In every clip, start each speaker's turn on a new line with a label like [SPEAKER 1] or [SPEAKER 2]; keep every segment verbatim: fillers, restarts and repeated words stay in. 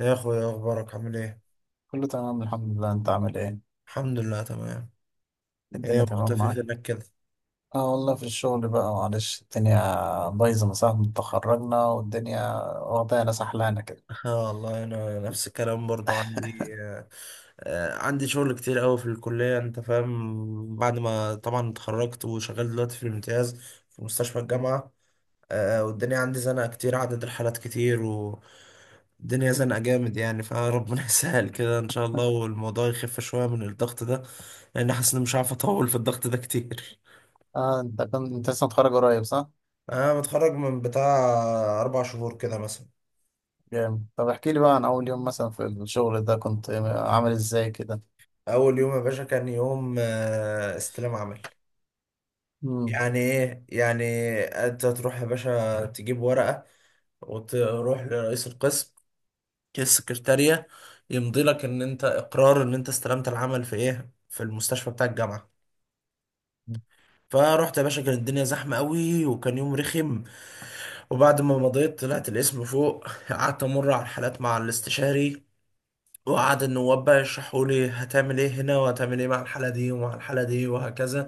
[SPEAKER 1] يا اخويا اخبارك عامل ايه؟
[SPEAKER 2] كله تمام، الحمد لله. انت عامل ايه؟
[SPEAKER 1] الحمد لله تمام. ايه
[SPEAKER 2] الدنيا تمام
[SPEAKER 1] مختفي
[SPEAKER 2] معاك؟
[SPEAKER 1] فينك كده؟
[SPEAKER 2] اه والله، في الشغل بقى معلش. الدنيا بايظه من ساعه ما اتخرجنا، والدنيا واخدانا سحلانه كده.
[SPEAKER 1] اه والله انا نفس الكلام برضو عندي آه آه، عندي شغل كتير قوي في الكليه، انت فاهم، بعد ما طبعا اتخرجت وشغال دلوقتي في الامتياز في مستشفى الجامعه. آه والدنيا عندي زنقه كتير، عدد الحالات كتير والدنيا زنقه جامد يعني، فربنا يسهل كده ان شاء الله والموضوع يخف شويه من الضغط ده، لان حاسس اني مش عارف اطول في الضغط ده كتير.
[SPEAKER 2] اه، انت كنت انت لسه متخرج قريب، صح؟
[SPEAKER 1] انا متخرج من بتاع اربع شهور كده مثلا.
[SPEAKER 2] جامد. طب احكي لي بقى عن اول يوم مثلا في الشغل ده، كنت عامل ازاي كده؟
[SPEAKER 1] اول يوم يا باشا كان يوم آه، استلام عمل.
[SPEAKER 2] امم.
[SPEAKER 1] يعني ايه يعني؟ انت تروح يا باشا تجيب ورقة وتروح لرئيس القسم، السكرتارية، يمضي لك ان انت اقرار ان انت استلمت العمل في ايه، في المستشفى بتاع الجامعة. فرحت يا باشا كانت الدنيا زحمة قوي وكان يوم رخم، وبعد ما مضيت طلعت الاسم فوق قعدت امر على الحالات مع الاستشاري وقعد النواب بقى يشرحوا لي هتعمل ايه هنا وهتعمل ايه مع الحالة دي ومع الحالة دي وهكذا.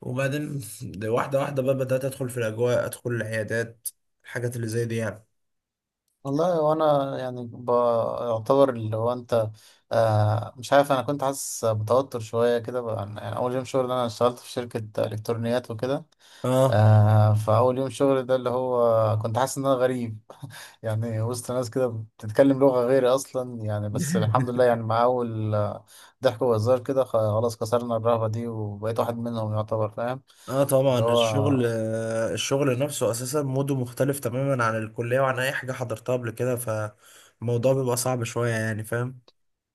[SPEAKER 1] وبعدين ده واحدة واحدة بقى بدأت أدخل في الأجواء، أدخل العيادات، الحاجات اللي زي دي يعني.
[SPEAKER 2] والله، وانا يعني بعتبر اللي هو انت. آه مش عارف، انا كنت حاسس بتوتر شويه كده بقى. يعني اول يوم شغل انا اشتغلت في شركه الكترونيات وكده.
[SPEAKER 1] اه.
[SPEAKER 2] آه فأول يوم شغل ده اللي هو كنت حاسس إن أنا غريب يعني وسط ناس كده بتتكلم لغة غيري أصلا يعني. بس الحمد لله، يعني مع أول آه، ضحك وهزار كده خلاص كسرنا الرهبة دي، وبقيت واحد منهم يعتبر. فاهم؟
[SPEAKER 1] اه طبعا
[SPEAKER 2] اللي
[SPEAKER 1] الشغل،
[SPEAKER 2] هو
[SPEAKER 1] آه، الشغل نفسه أساسا موده مختلف تماما عن الكلية وعن أي حاجة حضرتها قبل كده، فالموضوع بيبقى صعب شوية يعني، فاهم.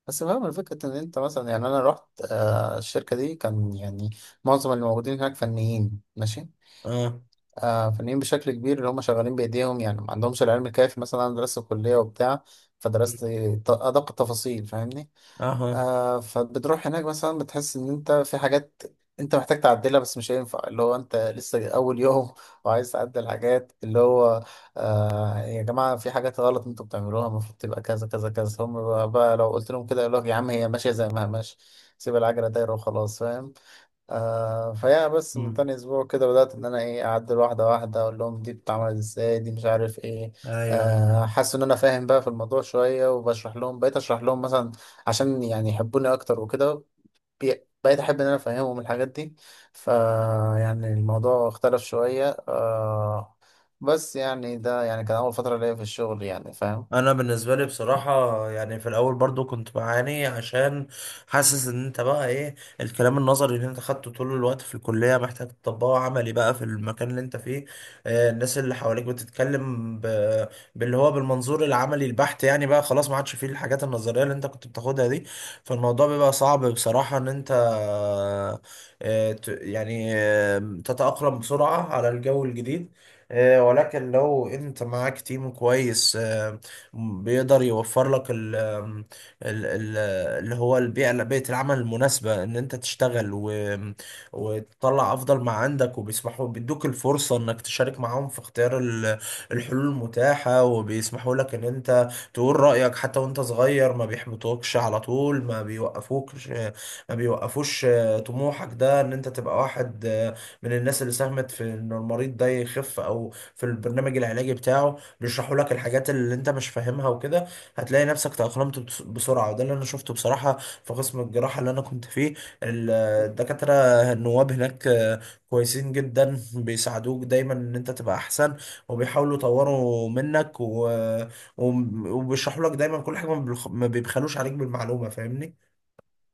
[SPEAKER 2] بس فاهم الفكرة إن أنت مثلا. يعني أنا رحت آه الشركة دي، كان يعني معظم اللي موجودين هناك فنيين. ماشي؟
[SPEAKER 1] اه.
[SPEAKER 2] آه فنيين بشكل كبير، اللي هم شغالين بإيديهم يعني ما عندهمش العلم الكافي. مثلا أنا درست في كلية وبتاع، فدرست ط- أدق التفاصيل. فاهمني؟
[SPEAKER 1] اها.
[SPEAKER 2] آه فبتروح هناك مثلا، بتحس ان انت في حاجات انت محتاج تعدلها، بس مش هينفع اللي هو انت لسه اول يوم وعايز تعدل حاجات. اللي هو آه يا جماعة، في حاجات غلط انتوا بتعملوها، المفروض تبقى كذا كذا كذا. هم بقى, بقى لو قلت لهم كده يقول لك يا عم، هي ماشية زي ما هي ماشية، سيب العجلة دايرة وخلاص. فاهم؟ آه فيا، بس من
[SPEAKER 1] مم.
[SPEAKER 2] تاني اسبوع كده بدأت ان انا ايه، اعدل واحدة واحدة، اقول لهم دي بتتعمل ازاي، دي مش عارف ايه.
[SPEAKER 1] ايوه، أيوة.
[SPEAKER 2] آه حاسس ان انا فاهم بقى في الموضوع شوية وبشرح لهم. بقيت اشرح لهم مثلا عشان يعني يحبوني اكتر وكده. بي- بقيت احب ان انا افهمهم الحاجات دي. ف يعني الموضوع اختلف شوية آه بس يعني ده يعني كان اول فترة ليا في الشغل يعني. فاهم؟
[SPEAKER 1] انا بالنسبه لي بصراحه، يعني في الاول برضو كنت بعاني عشان حاسس ان انت بقى ايه، الكلام النظري اللي انت خدته طول الوقت في الكليه محتاج تطبقه عملي بقى في المكان اللي انت فيه. آه، الناس اللي حواليك بتتكلم ب... باللي هو بالمنظور العملي البحت يعني، بقى خلاص ما عادش فيه الحاجات النظريه اللي انت كنت بتاخدها دي. فالموضوع بيبقى صعب بصراحه ان انت آه، ت... يعني آه، تتاقلم بسرعه على الجو الجديد. آه، ولكن لو انت معاك تيم كويس بيقدر يوفر لك ال ال ال اللي هو البيئة، بيئة العمل المناسبة ان انت تشتغل، و وتطلع افضل ما عندك، وبيسمحوا بيدوك الفرصة انك تشارك معاهم في اختيار ال- الحلول المتاحة، وبيسمحوا لك ان انت تقول رأيك حتى وانت صغير، ما بيحبطوكش على طول، ما بيوقفوكش، ما بيوقفوش آه، طموحك ده ان انت تبقى واحد آه، من الناس اللي ساهمت في ان المريض ده يخف او في البرنامج العلاجي بتاعه. بيشرحوا لك الحاجات اللي انت مش فاهمها وكده، هتلاقي نفسك تأقلمت بس- بسرعة، وده اللي انا شفته بصراحة في قسم الجراحة اللي انا كنت فيه. ال- الدكاترة النواب هناك آه، كويسين جدا، بيساعدوك دايما ان انت تبقى احسن وبيحاولوا يطوروا منك و... وم- وبيشرحوا لك دايما كل حاجة، ما بيخ- ما بيبخلوش عليك بالمعلومة، فاهمني.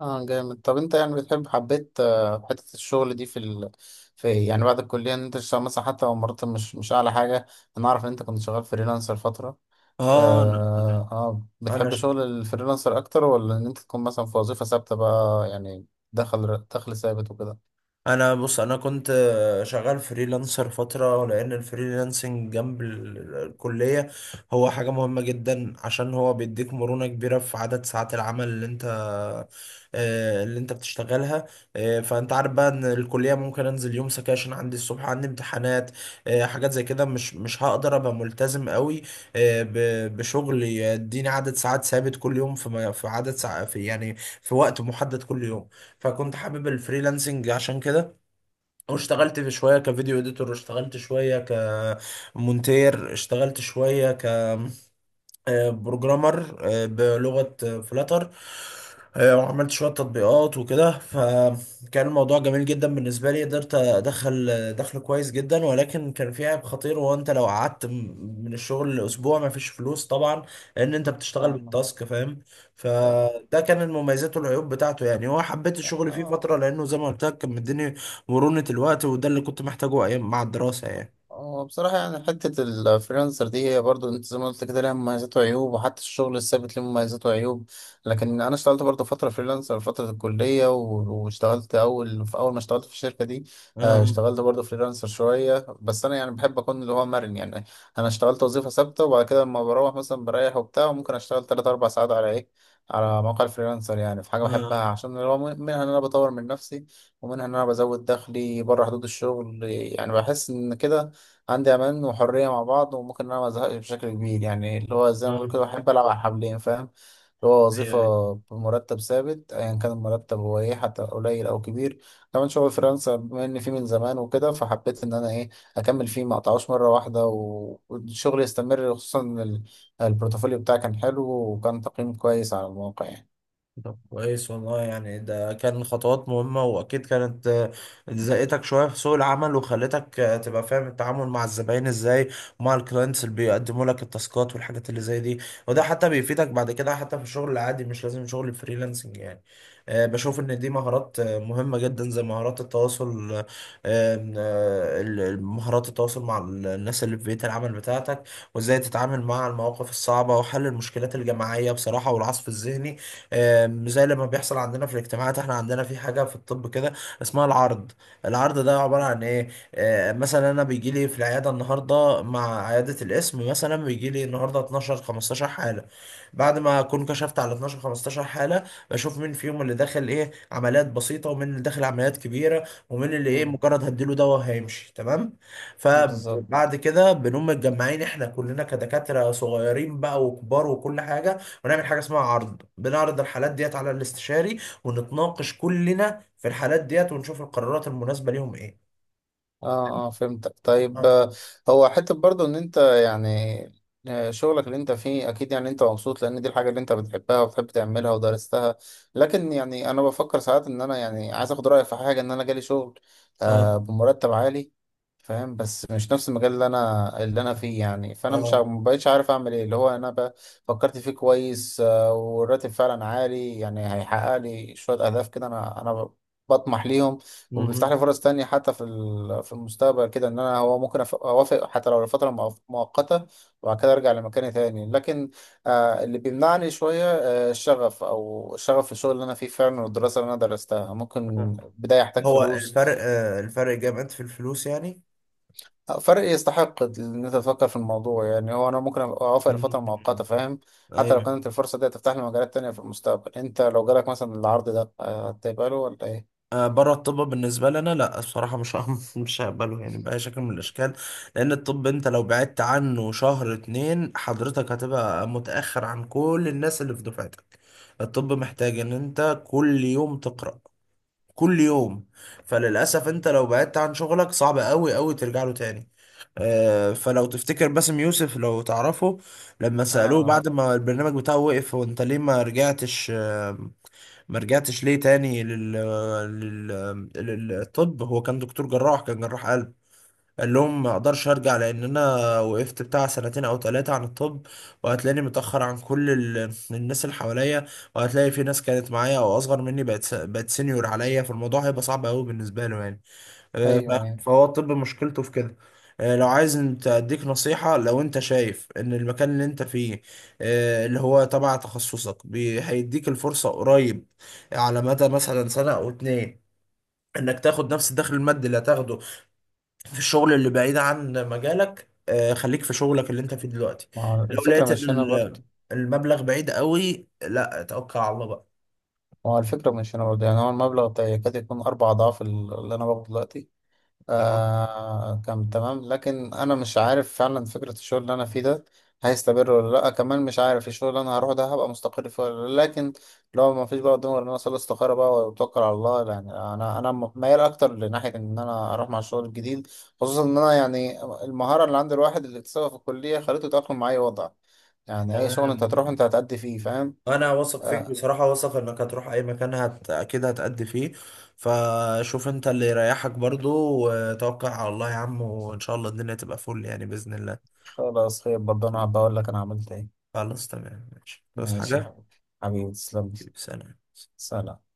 [SPEAKER 2] اه جامد. طب انت يعني بتحب، حبيت آه، حتة الشغل دي في ال... في يعني بعد الكلية ان انت تشتغل مثلا، حتى لو مرتب مش مش اعلى حاجة. انا اعرف ان انت كنت شغال فريلانسر فترة.
[SPEAKER 1] اه. انا
[SPEAKER 2] آه... اه
[SPEAKER 1] انا
[SPEAKER 2] بتحب شغل الفريلانسر اكتر، ولا ان انت تكون مثلا في وظيفة ثابتة بقى يعني؟ دخل دخل ثابت وكده؟
[SPEAKER 1] انا بص، انا كنت شغال فريلانسر فتره لان الفريلانسنج جنب ال- الكليه هو حاجه مهمه جدا، عشان هو بيديك مرونه كبيره في عدد ساعات العمل اللي انت آه، اللي انت بتشتغلها. آه، فانت عارف بقى ان الكليه ممكن انزل يوم سكاشن، عندي الصبح عندي امتحانات، آه، حاجات زي كده مش مش هقدر ابقى ملتزم قوي آه، ب- بشغل يديني عدد ساعات ثابت كل يوم في م- في عدد ساعات في يعني في وقت محدد كل يوم. فكنت حابب الفريلانسنج عشان كده، واشتغلت في شوية كفيديو اديتور، واشتغلت شوية كمونتير، اشتغلت شوية بروجرامر بلغة فلاتر، وعملت شوية تطبيقات وكده. فكان الموضوع جميل جدا بالنسبة لي، قدرت أدخل دخل كويس جدا، ولكن كان في عيب خطير، وهو أنت لو قعدت م- من الشغل لأسبوع مفيش فلوس طبعا، لأن أنت بتشتغل
[SPEAKER 2] فاهم.
[SPEAKER 1] بالتاسك، فاهم.
[SPEAKER 2] فاهم
[SPEAKER 1] فده كان المميزات والعيوب بتاعته يعني، هو حبيت
[SPEAKER 2] يعني.
[SPEAKER 1] الشغل فيه
[SPEAKER 2] اه،
[SPEAKER 1] فترة لأنه زي ما قلت لك كان مديني مرونة الوقت، وده اللي كنت محتاجه أيام مع الدراسة يعني.
[SPEAKER 2] هو بصراحة يعني حتة الفريلانسر دي، هي برضو انت زي ما قلت كده، لها مميزات وعيوب، وحتى الشغل الثابت له مميزات وعيوب. لكن انا اشتغلت برضو فترة فريلانسر فترة الكلية، و- واشتغلت اول في اول ما اشتغلت في الشركة دي. آه،
[SPEAKER 1] آه
[SPEAKER 2] اشتغلت برضو فريلانسر شوية. بس انا يعني بحب اكون اللي هو مرن يعني. انا اشتغلت وظيفة ثابتة، وبعد كده لما بروح مثلا بريح وبتاع، وممكن اشتغل تلات اربع ساعات على ايه، على موقع الفريلانسر. يعني في حاجة
[SPEAKER 1] آه
[SPEAKER 2] بحبها،
[SPEAKER 1] آه
[SPEAKER 2] عشان اللي هو منها ان انا بطور من نفسي، ومنها إن أنا بزود دخلي بره حدود الشغل. يعني بحس إن كده عندي أمان وحرية مع بعض، وممكن إن أنا مزهقش بشكل كبير. يعني اللي هو زي ما بقول كده،
[SPEAKER 1] آه.
[SPEAKER 2] بحب ألعب على حبلين. فاهم؟ اللي هو
[SPEAKER 1] آه، آه.
[SPEAKER 2] وظيفة بمرتب ثابت، أيا كان المرتب هو إيه، حتى قليل أو كبير. كمان شغل فريلانسر، بما إن فيه من زمان وكده، فحبيت إن أنا إيه، أكمل فيه، ما أقطعوش مرة واحدة، و- والشغل يستمر، خصوصا إن ال- البورتفوليو بتاعي كان حلو، وكان تقييم كويس على المواقع يعني.
[SPEAKER 1] طب كويس والله، يعني ده كان خطوات مهمة وأكيد كانت آه، زقتك شوية في سوق العمل وخلتك آه، تبقى فاهم التعامل مع الزباين إزاي، ومع الكلاينتس اللي بيقدموا لك التاسكات والحاجات اللي زي دي. وده حتى بيفيدك بعد كده، حتى في الشغل العادي مش لازم شغل الفريلانسنج يعني. آه، بشوف إن دي مهارات آه، مهمة جدا، زي مهارات التواصل، آه، آه، ال- ال- مهارات التواصل مع ال- الناس اللي في بيئة العمل بتاعتك، وإزاي تتعامل مع المواقف الصعبة، وحل المشكلات الجماعية بصراحة، والعصف الذهني. آم، زي لما بيحصل عندنا في الاجتماعات، احنا عندنا في حاجة في الطب كده اسمها العرض. العرض ده عبارة عن ايه؟ آه، مثلا انا بيجي لي في العيادة النهاردة مع عيادة القسم، مثلا بيجي لي النهاردة اتناشر خمستاشر حالة. بعد ما اكون كشفت على اتناشر خمستاشر حالة، بشوف مين فيهم اللي داخل ايه عمليات بسيطة ومين اللي داخل عمليات كبيرة، ومين اللي ايه
[SPEAKER 2] مم.
[SPEAKER 1] مجرد هديله دواء هيمشي تمام.
[SPEAKER 2] بالظبط.
[SPEAKER 1] فبعد كده بنقوم متجمعين احنا كلنا كدكاترة صغيرين بقى وكبار وكل حاجة، ونعمل حاجه اسمها عرض، بنعرض الحالات ديت على الاستشاري، ونتناقش كلنا في الحالات ديت ونشوف القرارات المناسبه ليهم ايه.
[SPEAKER 2] اه اه، فهمتك. طيب،
[SPEAKER 1] اه.
[SPEAKER 2] آه، هو حتة برضو ان انت يعني، آه، شغلك اللي انت فيه اكيد يعني انت مبسوط، لان دي الحاجة اللي انت بتحبها وبتحب تعملها ودرستها. لكن يعني انا بفكر ساعات ان انا يعني عايز اخد رأيك في حاجة. ان انا جالي شغل
[SPEAKER 1] اه.
[SPEAKER 2] آه بمرتب عالي، فاهم؟ بس مش نفس المجال اللي انا اللي انا فيه يعني. فانا مش
[SPEAKER 1] اه.
[SPEAKER 2] عارف- مبقتش عارف اعمل ايه. اللي هو انا بقى فكرت فيه كويس. آه والراتب فعلا عالي، يعني هيحقق لي شوية اهداف كده انا انا بطمح ليهم. وبيفتح
[SPEAKER 1] مهم.
[SPEAKER 2] لي فرص تانية حتى في ال- في المستقبل كده، ان انا هو ممكن أف- اوافق حتى لو لفترة مؤ- مؤقتة، وبعد كده ارجع لمكاني تاني. لكن آه اللي بيمنعني شوية آه الشغف او الشغف في الشغل اللي انا فيه فعلا، والدراسة اللي انا درستها.
[SPEAKER 1] اه،
[SPEAKER 2] ممكن بداية احتاج
[SPEAKER 1] هو
[SPEAKER 2] فلوس.
[SPEAKER 1] الفرق آه الفرق جامد في الفلوس يعني.
[SPEAKER 2] آه، فرق يستحق ان انت تفكر في الموضوع يعني. هو انا ممكن أبقى اوافق لفترة مؤقتة،
[SPEAKER 1] مم.
[SPEAKER 2] فاهم؟ حتى لو
[SPEAKER 1] ايوه.
[SPEAKER 2] كانت الفرصة دي هتفتح لي مجالات تانية في المستقبل. انت لو جالك مثلا العرض ده آه، هتقبله ولا ايه؟
[SPEAKER 1] آه، بره الطب بالنسبه لنا لا الصراحه مش هم- مش هقبله يعني باي شكل من الاشكال، لان الطب انت لو بعدت عنه شهر اتنين حضرتك هتبقى متاخر عن كل الناس اللي في دفعتك. الطب محتاج ان انت كل يوم تقرا، كل يوم. فللأسف انت لو بعدت عن شغلك صعب قوي قوي ترجع له تاني. آه، فلو تفتكر باسم يوسف لو تعرفه، لما سألوه
[SPEAKER 2] اه، عارف.
[SPEAKER 1] بعد ما البرنامج بتاعه وقف هو انت ليه ما رجعتش آه، ما رجعتش ليه تاني لل... آه، لل... للطب، هو كان دكتور جراح، كان جراح قلب. قال لهم ما اقدرش ارجع لان انا وقفت بتاع سنتين او ثلاثة عن الطب، وهتلاقيني متأخر عن كل ال- الناس اللي حواليا، وهتلاقي في ناس كانت معايا او اصغر مني بقت س- بقت سينيور عليا، فالموضوع هيبقى صعب قوي بالنسبة له يعني. آه،
[SPEAKER 2] ايوه، ايوه.
[SPEAKER 1] ف- فهو الطب مشكلته في كده. آه، لو عايز انت اديك نصيحة، لو انت شايف ان المكان اللي انت فيه آه، اللي هو تبع تخصصك بي- هيديك الفرصة قريب على مدى مثلا سنة او اتنين انك تاخد نفس الدخل المادي اللي هتاخده في الشغل اللي بعيد عن مجالك، آه، خليك في شغلك اللي انت فيه دلوقتي.
[SPEAKER 2] ما هو
[SPEAKER 1] لو
[SPEAKER 2] الفكرة
[SPEAKER 1] لقيت ان
[SPEAKER 2] مش هنا
[SPEAKER 1] ال-
[SPEAKER 2] برضه.
[SPEAKER 1] المبلغ بعيد قوي لا توكل على الله بقى.
[SPEAKER 2] هو الفكرة مش هنا برضه يعني. هو المبلغ ده يكاد يكون أربع أضعاف ال- اللي أنا باخده دلوقتي.
[SPEAKER 1] تمام.
[SPEAKER 2] آه كان تمام، لكن أنا مش عارف فعلا فكرة الشغل اللي أنا فيه ده هيستمر ولا لأ، كمان مش عارف الشغل اللي أنا هروح ده هبقى مستقر فيه ولا لأ. لكن لو ما فيش بقى قدامي غير إن أنا أصلي استخارة بقى وأتوكل على الله، يعني أنا أنا م- ميال أكتر لناحية إن أنا أروح مع الشغل الجديد، خصوصا إن أنا يعني المهارة اللي عند الواحد اللي اكتسبها في الكلية خليته يتأقلم مع أي وضع. يعني أي شغل أنت
[SPEAKER 1] تمام،
[SPEAKER 2] هتروح أنت هتأدي فيه، فاهم؟
[SPEAKER 1] انا واثق فيك بصراحه، واثق انك هتروح اي مكان هت... اكيد هتأدي فيه، فشوف انت اللي يريحك برضو وتوكل على الله يا عم، وان شاء الله الدنيا تبقى فل يعني باذن الله.
[SPEAKER 2] خلاص، خير برضه. انا هبقى اقول لك انا عملت ايه.
[SPEAKER 1] خلاص تمام ماشي بس
[SPEAKER 2] ماشي يا
[SPEAKER 1] حاجه.
[SPEAKER 2] حبيبي. حبيبي تسلم لي.
[SPEAKER 1] سلام.
[SPEAKER 2] سلام.